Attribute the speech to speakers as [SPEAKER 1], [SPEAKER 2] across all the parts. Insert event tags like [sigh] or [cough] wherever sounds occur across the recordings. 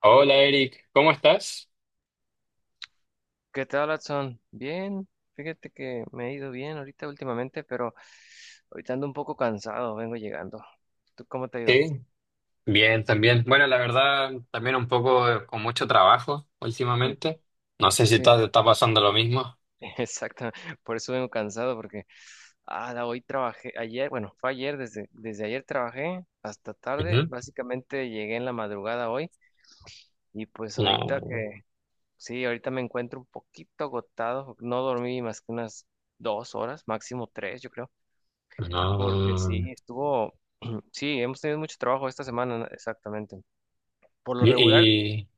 [SPEAKER 1] Hola Eric, ¿cómo estás?
[SPEAKER 2] ¿Qué tal, Watson? Bien, fíjate que me he ido bien ahorita últimamente, pero ahorita ando un poco cansado, vengo llegando. ¿Tú cómo te ha ido?
[SPEAKER 1] Sí, bien, también. Bueno, la verdad, también un poco con mucho trabajo
[SPEAKER 2] Mm,
[SPEAKER 1] últimamente. No sé si
[SPEAKER 2] sí,
[SPEAKER 1] está pasando lo mismo.
[SPEAKER 2] [laughs] exacto, por eso vengo cansado, porque hoy trabajé, ayer, bueno, fue ayer, desde ayer trabajé hasta tarde,
[SPEAKER 1] Ujú.
[SPEAKER 2] básicamente llegué en la madrugada hoy y pues
[SPEAKER 1] No,
[SPEAKER 2] sí, ahorita me encuentro un poquito agotado, no dormí más que unas 2 horas, máximo 3, yo creo, porque
[SPEAKER 1] no.
[SPEAKER 2] sí, estuvo... Sí, hemos tenido mucho trabajo esta semana, ¿no? Exactamente. Por lo regular,
[SPEAKER 1] Y, y-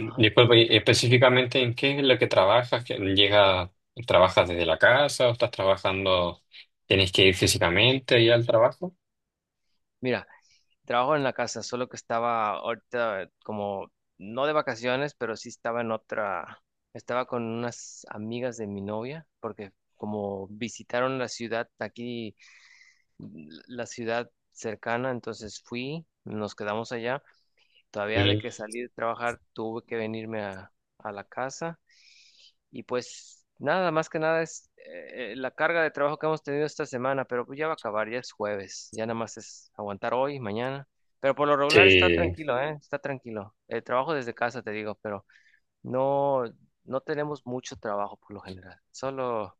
[SPEAKER 2] ajá,
[SPEAKER 1] Disculpa, ¿y específicamente en qué es lo que trabajas? ¿Que ¿Llega, trabajas desde la casa o estás trabajando, tienes que ir físicamente ahí al trabajo?
[SPEAKER 2] mira, trabajo en la casa, solo que estaba no de vacaciones, pero sí estaba con unas amigas de mi novia, porque como visitaron la ciudad, aquí, la ciudad cercana, entonces fui, nos quedamos allá. Todavía de
[SPEAKER 1] Mm,
[SPEAKER 2] que salí de trabajar tuve que venirme a la casa. Y pues nada, más que nada es la carga de trabajo que hemos tenido esta semana, pero pues ya va a acabar, ya es jueves, ya nada más es aguantar hoy, mañana. Pero por lo
[SPEAKER 1] sí,
[SPEAKER 2] regular está
[SPEAKER 1] es
[SPEAKER 2] tranquilo, ¿eh? Está tranquilo. El trabajo desde casa, te digo, pero no, no tenemos mucho trabajo por lo general. Solo,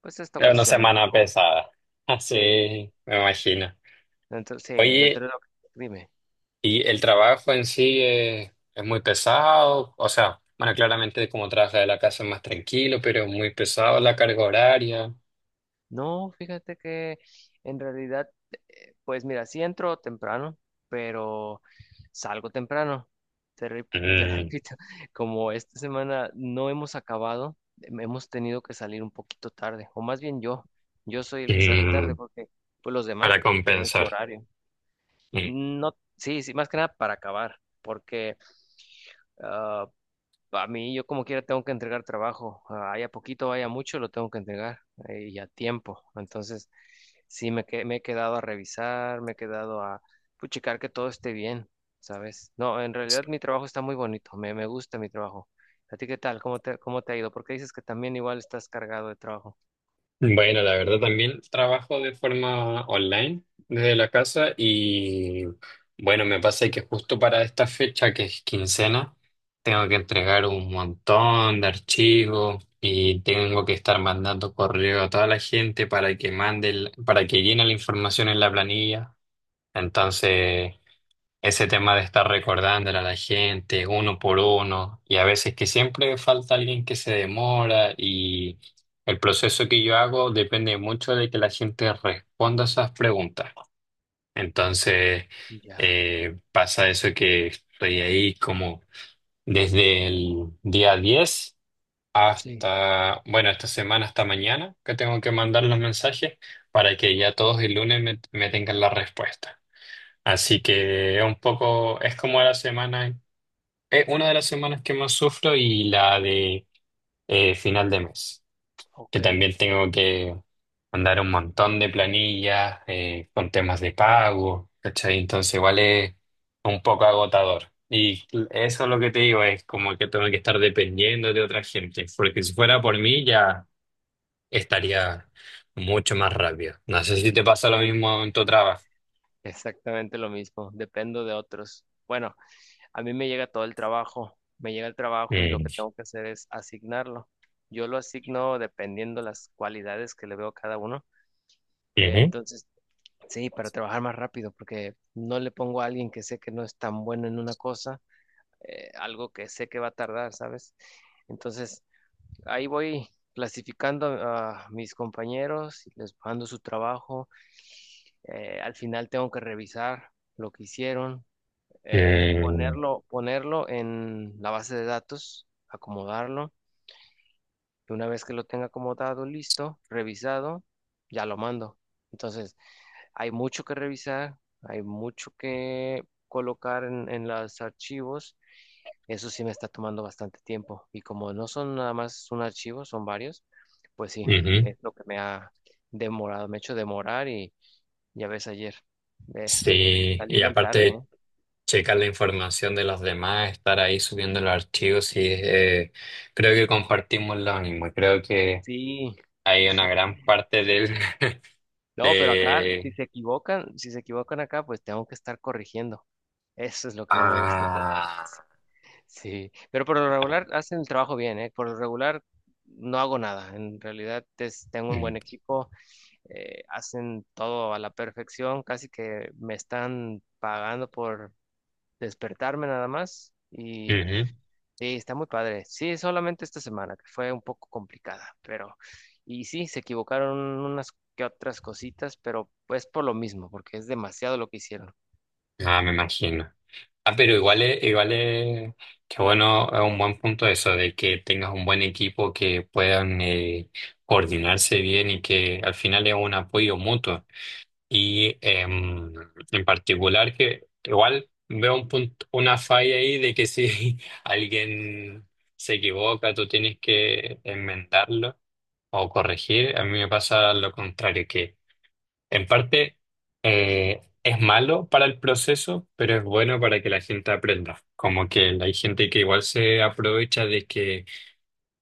[SPEAKER 2] pues esta
[SPEAKER 1] una
[SPEAKER 2] ocasión me
[SPEAKER 1] semana
[SPEAKER 2] tocó.
[SPEAKER 1] pesada. [laughs]
[SPEAKER 2] Sí,
[SPEAKER 1] Sí, me imagino.
[SPEAKER 2] sí, dentro
[SPEAKER 1] Oye,
[SPEAKER 2] de lo que... Dime.
[SPEAKER 1] y el trabajo en sí es muy pesado, o sea, bueno, claramente como trabaja de la casa es más tranquilo, pero es muy pesado la carga horaria.
[SPEAKER 2] No, fíjate que en realidad, pues mira, sí entro temprano, pero salgo temprano. Te, re- [laughs] te
[SPEAKER 1] Mm,
[SPEAKER 2] repito, como esta semana no hemos acabado, hemos tenido que salir un poquito tarde, o más bien yo, yo soy el que sale tarde
[SPEAKER 1] mm,
[SPEAKER 2] porque pues los demás
[SPEAKER 1] para
[SPEAKER 2] tienen su
[SPEAKER 1] compensar.
[SPEAKER 2] horario. No, sí, sí, más que nada para acabar, porque ah, a mí yo como quiera tengo que entregar trabajo, ah, haya poquito, haya mucho, lo tengo que entregar y a tiempo. Entonces, sí, me he quedado a revisar, me he quedado a puchicar que todo esté bien, ¿sabes? No, en realidad mi trabajo está muy bonito, me gusta mi trabajo. ¿A ti qué tal? Cómo te ha ido? Porque dices que también igual estás cargado de trabajo.
[SPEAKER 1] Bueno, la verdad también trabajo de forma online desde la casa y bueno, me pasa que justo para esta fecha que es quincena, tengo que entregar un montón de archivos y tengo que estar mandando correo a toda la gente para que mande, para que llene la información en la planilla. Entonces, ese tema de estar recordándole a la gente uno por uno y a veces que siempre falta alguien que se demora y el proceso que yo hago depende mucho de que la gente responda esas preguntas. Entonces
[SPEAKER 2] Ya,
[SPEAKER 1] pasa eso que estoy ahí como desde el día 10
[SPEAKER 2] sí,
[SPEAKER 1] hasta, bueno, esta semana hasta mañana que tengo que mandar los mensajes para que ya todos el lunes me tengan la respuesta. Así que un poco es como la semana, es una de las semanas que más sufro y la de final de mes, que
[SPEAKER 2] ok.
[SPEAKER 1] también tengo que mandar un montón de planillas con temas de pago, ¿cachai? Entonces igual es un poco agotador. Y eso es lo que te digo, es como que tengo que estar dependiendo de otra gente, porque si fuera por mí ya estaría mucho más rápido. No sé si te pasa lo
[SPEAKER 2] Sí.
[SPEAKER 1] mismo en tu trabajo.
[SPEAKER 2] Exactamente lo mismo, dependo de otros. Bueno. A mí me llega todo el trabajo, me llega el trabajo y lo que
[SPEAKER 1] Mm.
[SPEAKER 2] tengo que hacer es asignarlo. Yo lo asigno dependiendo las cualidades que le veo a cada uno.
[SPEAKER 1] Ujú.
[SPEAKER 2] Entonces, sí, para trabajar más rápido, porque no le pongo a alguien que sé que no es tan bueno en una cosa, algo que sé que va a tardar, ¿sabes? Entonces, ahí voy clasificando a mis compañeros, les mando su trabajo. Al final tengo que revisar lo que hicieron,
[SPEAKER 1] Eh,
[SPEAKER 2] ponerlo en la base de datos, acomodarlo, y una vez que lo tenga acomodado, listo, revisado, ya lo mando. Entonces, hay mucho que revisar, hay mucho que colocar en los archivos. Eso sí me está tomando bastante tiempo. Y como no son nada más un archivo, son varios, pues sí,
[SPEAKER 1] ujú.
[SPEAKER 2] es lo que me ha demorado, me ha hecho demorar y ya ves ayer, eh,
[SPEAKER 1] Sí,
[SPEAKER 2] salí
[SPEAKER 1] y
[SPEAKER 2] bien tarde, ¿eh?
[SPEAKER 1] aparte checar la información de los demás, estar ahí subiendo los archivos y creo que compartimos lo mismo. Creo que
[SPEAKER 2] Sí.
[SPEAKER 1] hay una gran parte del [laughs]
[SPEAKER 2] No, pero acá, si
[SPEAKER 1] de
[SPEAKER 2] se equivocan, si se equivocan acá, pues tengo que estar corrigiendo. Eso es lo que no me gusta. Pero,
[SPEAKER 1] ah
[SPEAKER 2] sí, pero por lo regular hacen el trabajo bien, ¿eh? Por lo regular no hago nada. En realidad tengo un buen
[SPEAKER 1] mm,
[SPEAKER 2] equipo, hacen todo a la perfección, casi que me están pagando por despertarme nada más.
[SPEAKER 1] ujú.
[SPEAKER 2] Sí, está muy padre. Sí, solamente esta semana, que fue un poco complicada, pero, y sí, se equivocaron unas que otras cositas, pero pues por lo mismo, porque es demasiado lo que hicieron.
[SPEAKER 1] Ah, me imagino. Ah, pero igual es que bueno, es un buen punto eso de que tengas un buen equipo que puedan coordinarse bien y que al final es un apoyo mutuo. Y en particular que igual veo un punto, una falla ahí de que si [laughs] alguien se equivoca, tú tienes que enmendarlo o corregir. A mí me pasa lo contrario, que en parte es malo para el proceso, pero es bueno para que la gente aprenda. Como que hay gente que igual se aprovecha de que,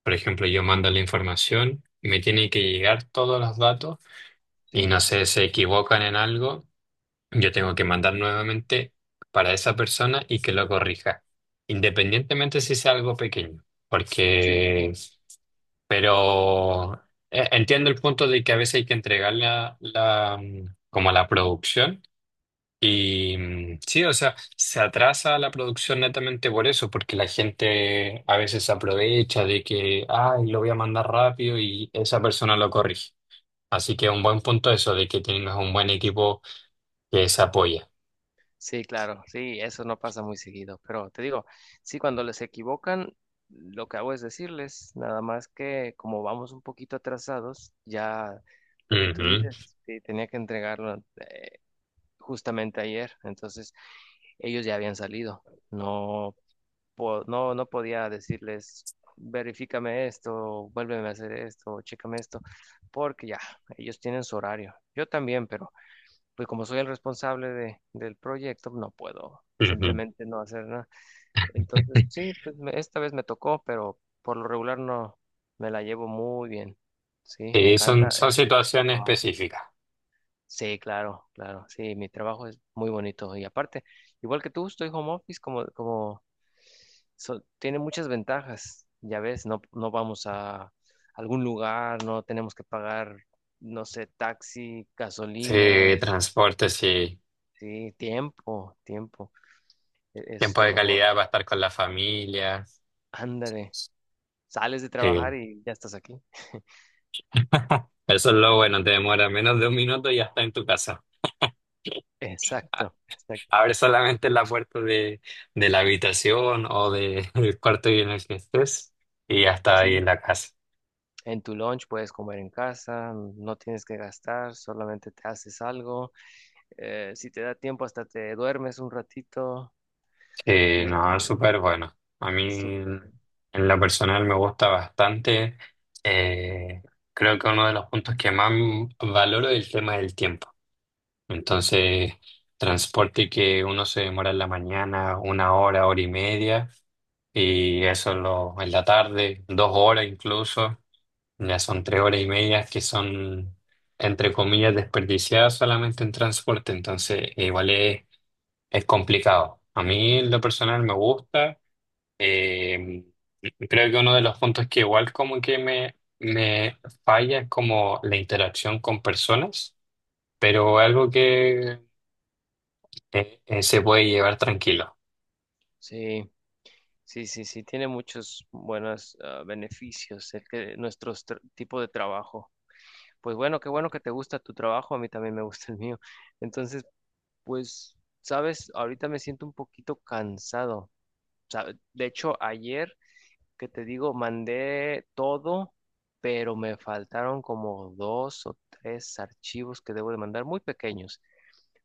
[SPEAKER 1] por ejemplo, yo mando la información, me tiene que llegar todos los datos y
[SPEAKER 2] Sí.
[SPEAKER 1] no sé, se equivocan en algo yo tengo que mandar nuevamente para esa persona y que lo corrija, independientemente si sea algo pequeño,
[SPEAKER 2] Sí, sí, sí.
[SPEAKER 1] porque, pero entiendo el punto de que a veces hay que entregar como la producción y sí, o sea, se atrasa la producción netamente por eso, porque la gente a veces se aprovecha de que, ay, lo voy a mandar rápido y esa persona lo corrige. Así que es un buen punto eso de que tengas un buen equipo que se apoya.
[SPEAKER 2] Sí, claro, sí, eso no pasa muy seguido, pero te digo, sí, cuando les equivocan, lo que hago es decirles, nada más que como vamos un poquito atrasados, ya, lo que tú
[SPEAKER 1] Ujú.
[SPEAKER 2] dices, sí, tenía que entregarlo justamente ayer, entonces ellos ya habían salido. No no, no podía decirles, verifícame esto, vuélveme a hacer esto, chécame esto, porque ya, ellos tienen su horario. Yo también, pero pues como soy el responsable del proyecto, no puedo
[SPEAKER 1] Ujú.
[SPEAKER 2] simplemente no hacer nada. Entonces, sí, pues esta vez me tocó, pero por lo regular no, me la llevo muy bien. Sí, me
[SPEAKER 1] Sí, son,
[SPEAKER 2] encanta.
[SPEAKER 1] son
[SPEAKER 2] eh,
[SPEAKER 1] situaciones específicas.
[SPEAKER 2] Sí, claro, claro. Sí, mi trabajo es muy bonito. Y aparte, igual que tú, estoy home office como tiene muchas ventajas. Ya ves, no, no vamos a algún lugar, no tenemos que pagar, no sé, taxi, gasolina,
[SPEAKER 1] Sí, transporte, sí.
[SPEAKER 2] sí, tiempo, tiempo. Es
[SPEAKER 1] Tiempo
[SPEAKER 2] lo
[SPEAKER 1] de
[SPEAKER 2] mejor.
[SPEAKER 1] calidad para estar con la familia.
[SPEAKER 2] Ándale, sales de
[SPEAKER 1] Sí.
[SPEAKER 2] trabajar y ya estás aquí. [laughs]
[SPEAKER 1] Eso es lo bueno, te demora menos de 1 minuto y ya está en tu casa.
[SPEAKER 2] Exacto, exacto.
[SPEAKER 1] Abre solamente la puerta de la habitación [laughs] del cuarto en el que estés y ya está ahí en
[SPEAKER 2] Sí,
[SPEAKER 1] la casa.
[SPEAKER 2] en tu lunch puedes comer en casa, no tienes que gastar, solamente te haces algo. Si te da tiempo, hasta te duermes un ratito y
[SPEAKER 1] Sí, no,
[SPEAKER 2] así.
[SPEAKER 1] es súper bueno. A mí,
[SPEAKER 2] Súper.
[SPEAKER 1] en lo personal, me gusta bastante. Eh, creo que uno de los puntos que más valoro es el tema del tiempo. Entonces, transporte que uno se demora en la mañana 1 hora, hora y media, y eso lo, en la tarde, 2 horas incluso, ya son 3 horas y media que son, entre comillas, desperdiciadas solamente en transporte, entonces es complicado. A mí en lo personal me gusta, eh, creo que uno de los puntos que igual como que me falla es como la interacción con personas, pero algo que se puede llevar tranquilo.
[SPEAKER 2] Sí, sí, sí, sí, tiene muchos buenos ah, beneficios el que nuestro tipo de trabajo. Pues bueno, qué bueno que te gusta tu trabajo, a mí también me gusta el mío. Entonces, pues, sabes, ahorita me siento un poquito cansado. De hecho, ayer que te digo, mandé todo, pero me faltaron como dos o tres archivos que debo de mandar, muy pequeños,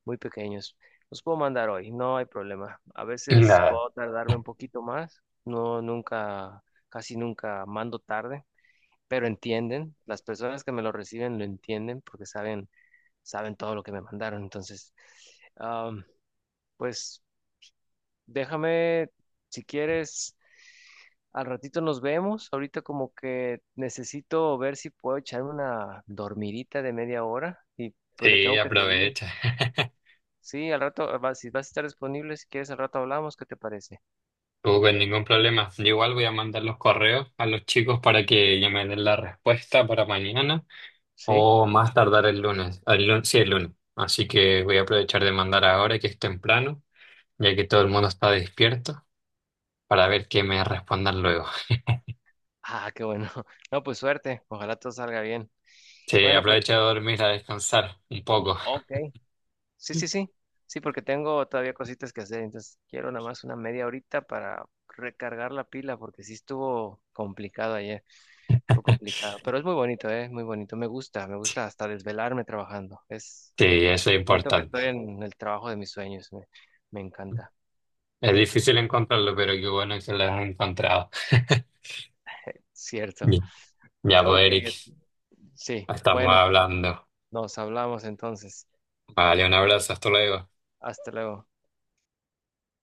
[SPEAKER 2] muy pequeños. Los puedo mandar hoy, no hay problema. A
[SPEAKER 1] [laughs]
[SPEAKER 2] veces
[SPEAKER 1] Nada.
[SPEAKER 2] puedo tardarme un poquito más, no nunca, casi nunca mando tarde, pero entienden, las personas que me lo reciben lo entienden porque saben, saben todo lo que me mandaron. Entonces, am, pues déjame, si quieres, al ratito nos vemos. Ahorita como que necesito ver si puedo echarme una dormidita de media hora y pues le
[SPEAKER 1] Y
[SPEAKER 2] tengo que seguir.
[SPEAKER 1] aprovecha. [laughs]
[SPEAKER 2] Sí, al rato, si vas a estar disponible, si quieres, al rato hablamos, ¿qué te parece?
[SPEAKER 1] Tú con ningún problema. Yo igual voy a mandar los correos a los chicos para que ya me den la respuesta para mañana
[SPEAKER 2] ¿Sí?
[SPEAKER 1] o más tardar el lunes. El lunes, sí, el lunes. Así que voy a aprovechar de mandar ahora que es temprano, ya que todo el mundo está despierto, para ver qué me respondan luego.
[SPEAKER 2] Ah, qué bueno. [laughs] No, pues suerte, ojalá todo salga bien.
[SPEAKER 1] Sí,
[SPEAKER 2] Bueno, pues,
[SPEAKER 1] aprovecha de dormir, a descansar un poco.
[SPEAKER 2] ok. Sí, sí, sí. Sí, porque tengo todavía cositas que hacer, entonces quiero nada más una media horita para recargar la pila, porque sí estuvo complicado ayer, estuvo complicado, pero es muy bonito, ¿eh? Muy bonito, me gusta hasta desvelarme trabajando, es,
[SPEAKER 1] Sí, eso es
[SPEAKER 2] siento que
[SPEAKER 1] importante.
[SPEAKER 2] estoy en el trabajo de mis sueños, me encanta,
[SPEAKER 1] Es difícil encontrarlo, pero qué bueno que lo has encontrado.
[SPEAKER 2] cierto.
[SPEAKER 1] [laughs] Ya, pues,
[SPEAKER 2] Ok,
[SPEAKER 1] Eric,
[SPEAKER 2] sí,
[SPEAKER 1] estamos
[SPEAKER 2] bueno.
[SPEAKER 1] hablando.
[SPEAKER 2] Nos hablamos entonces.
[SPEAKER 1] Vale, un abrazo, hasta luego.
[SPEAKER 2] Hasta luego.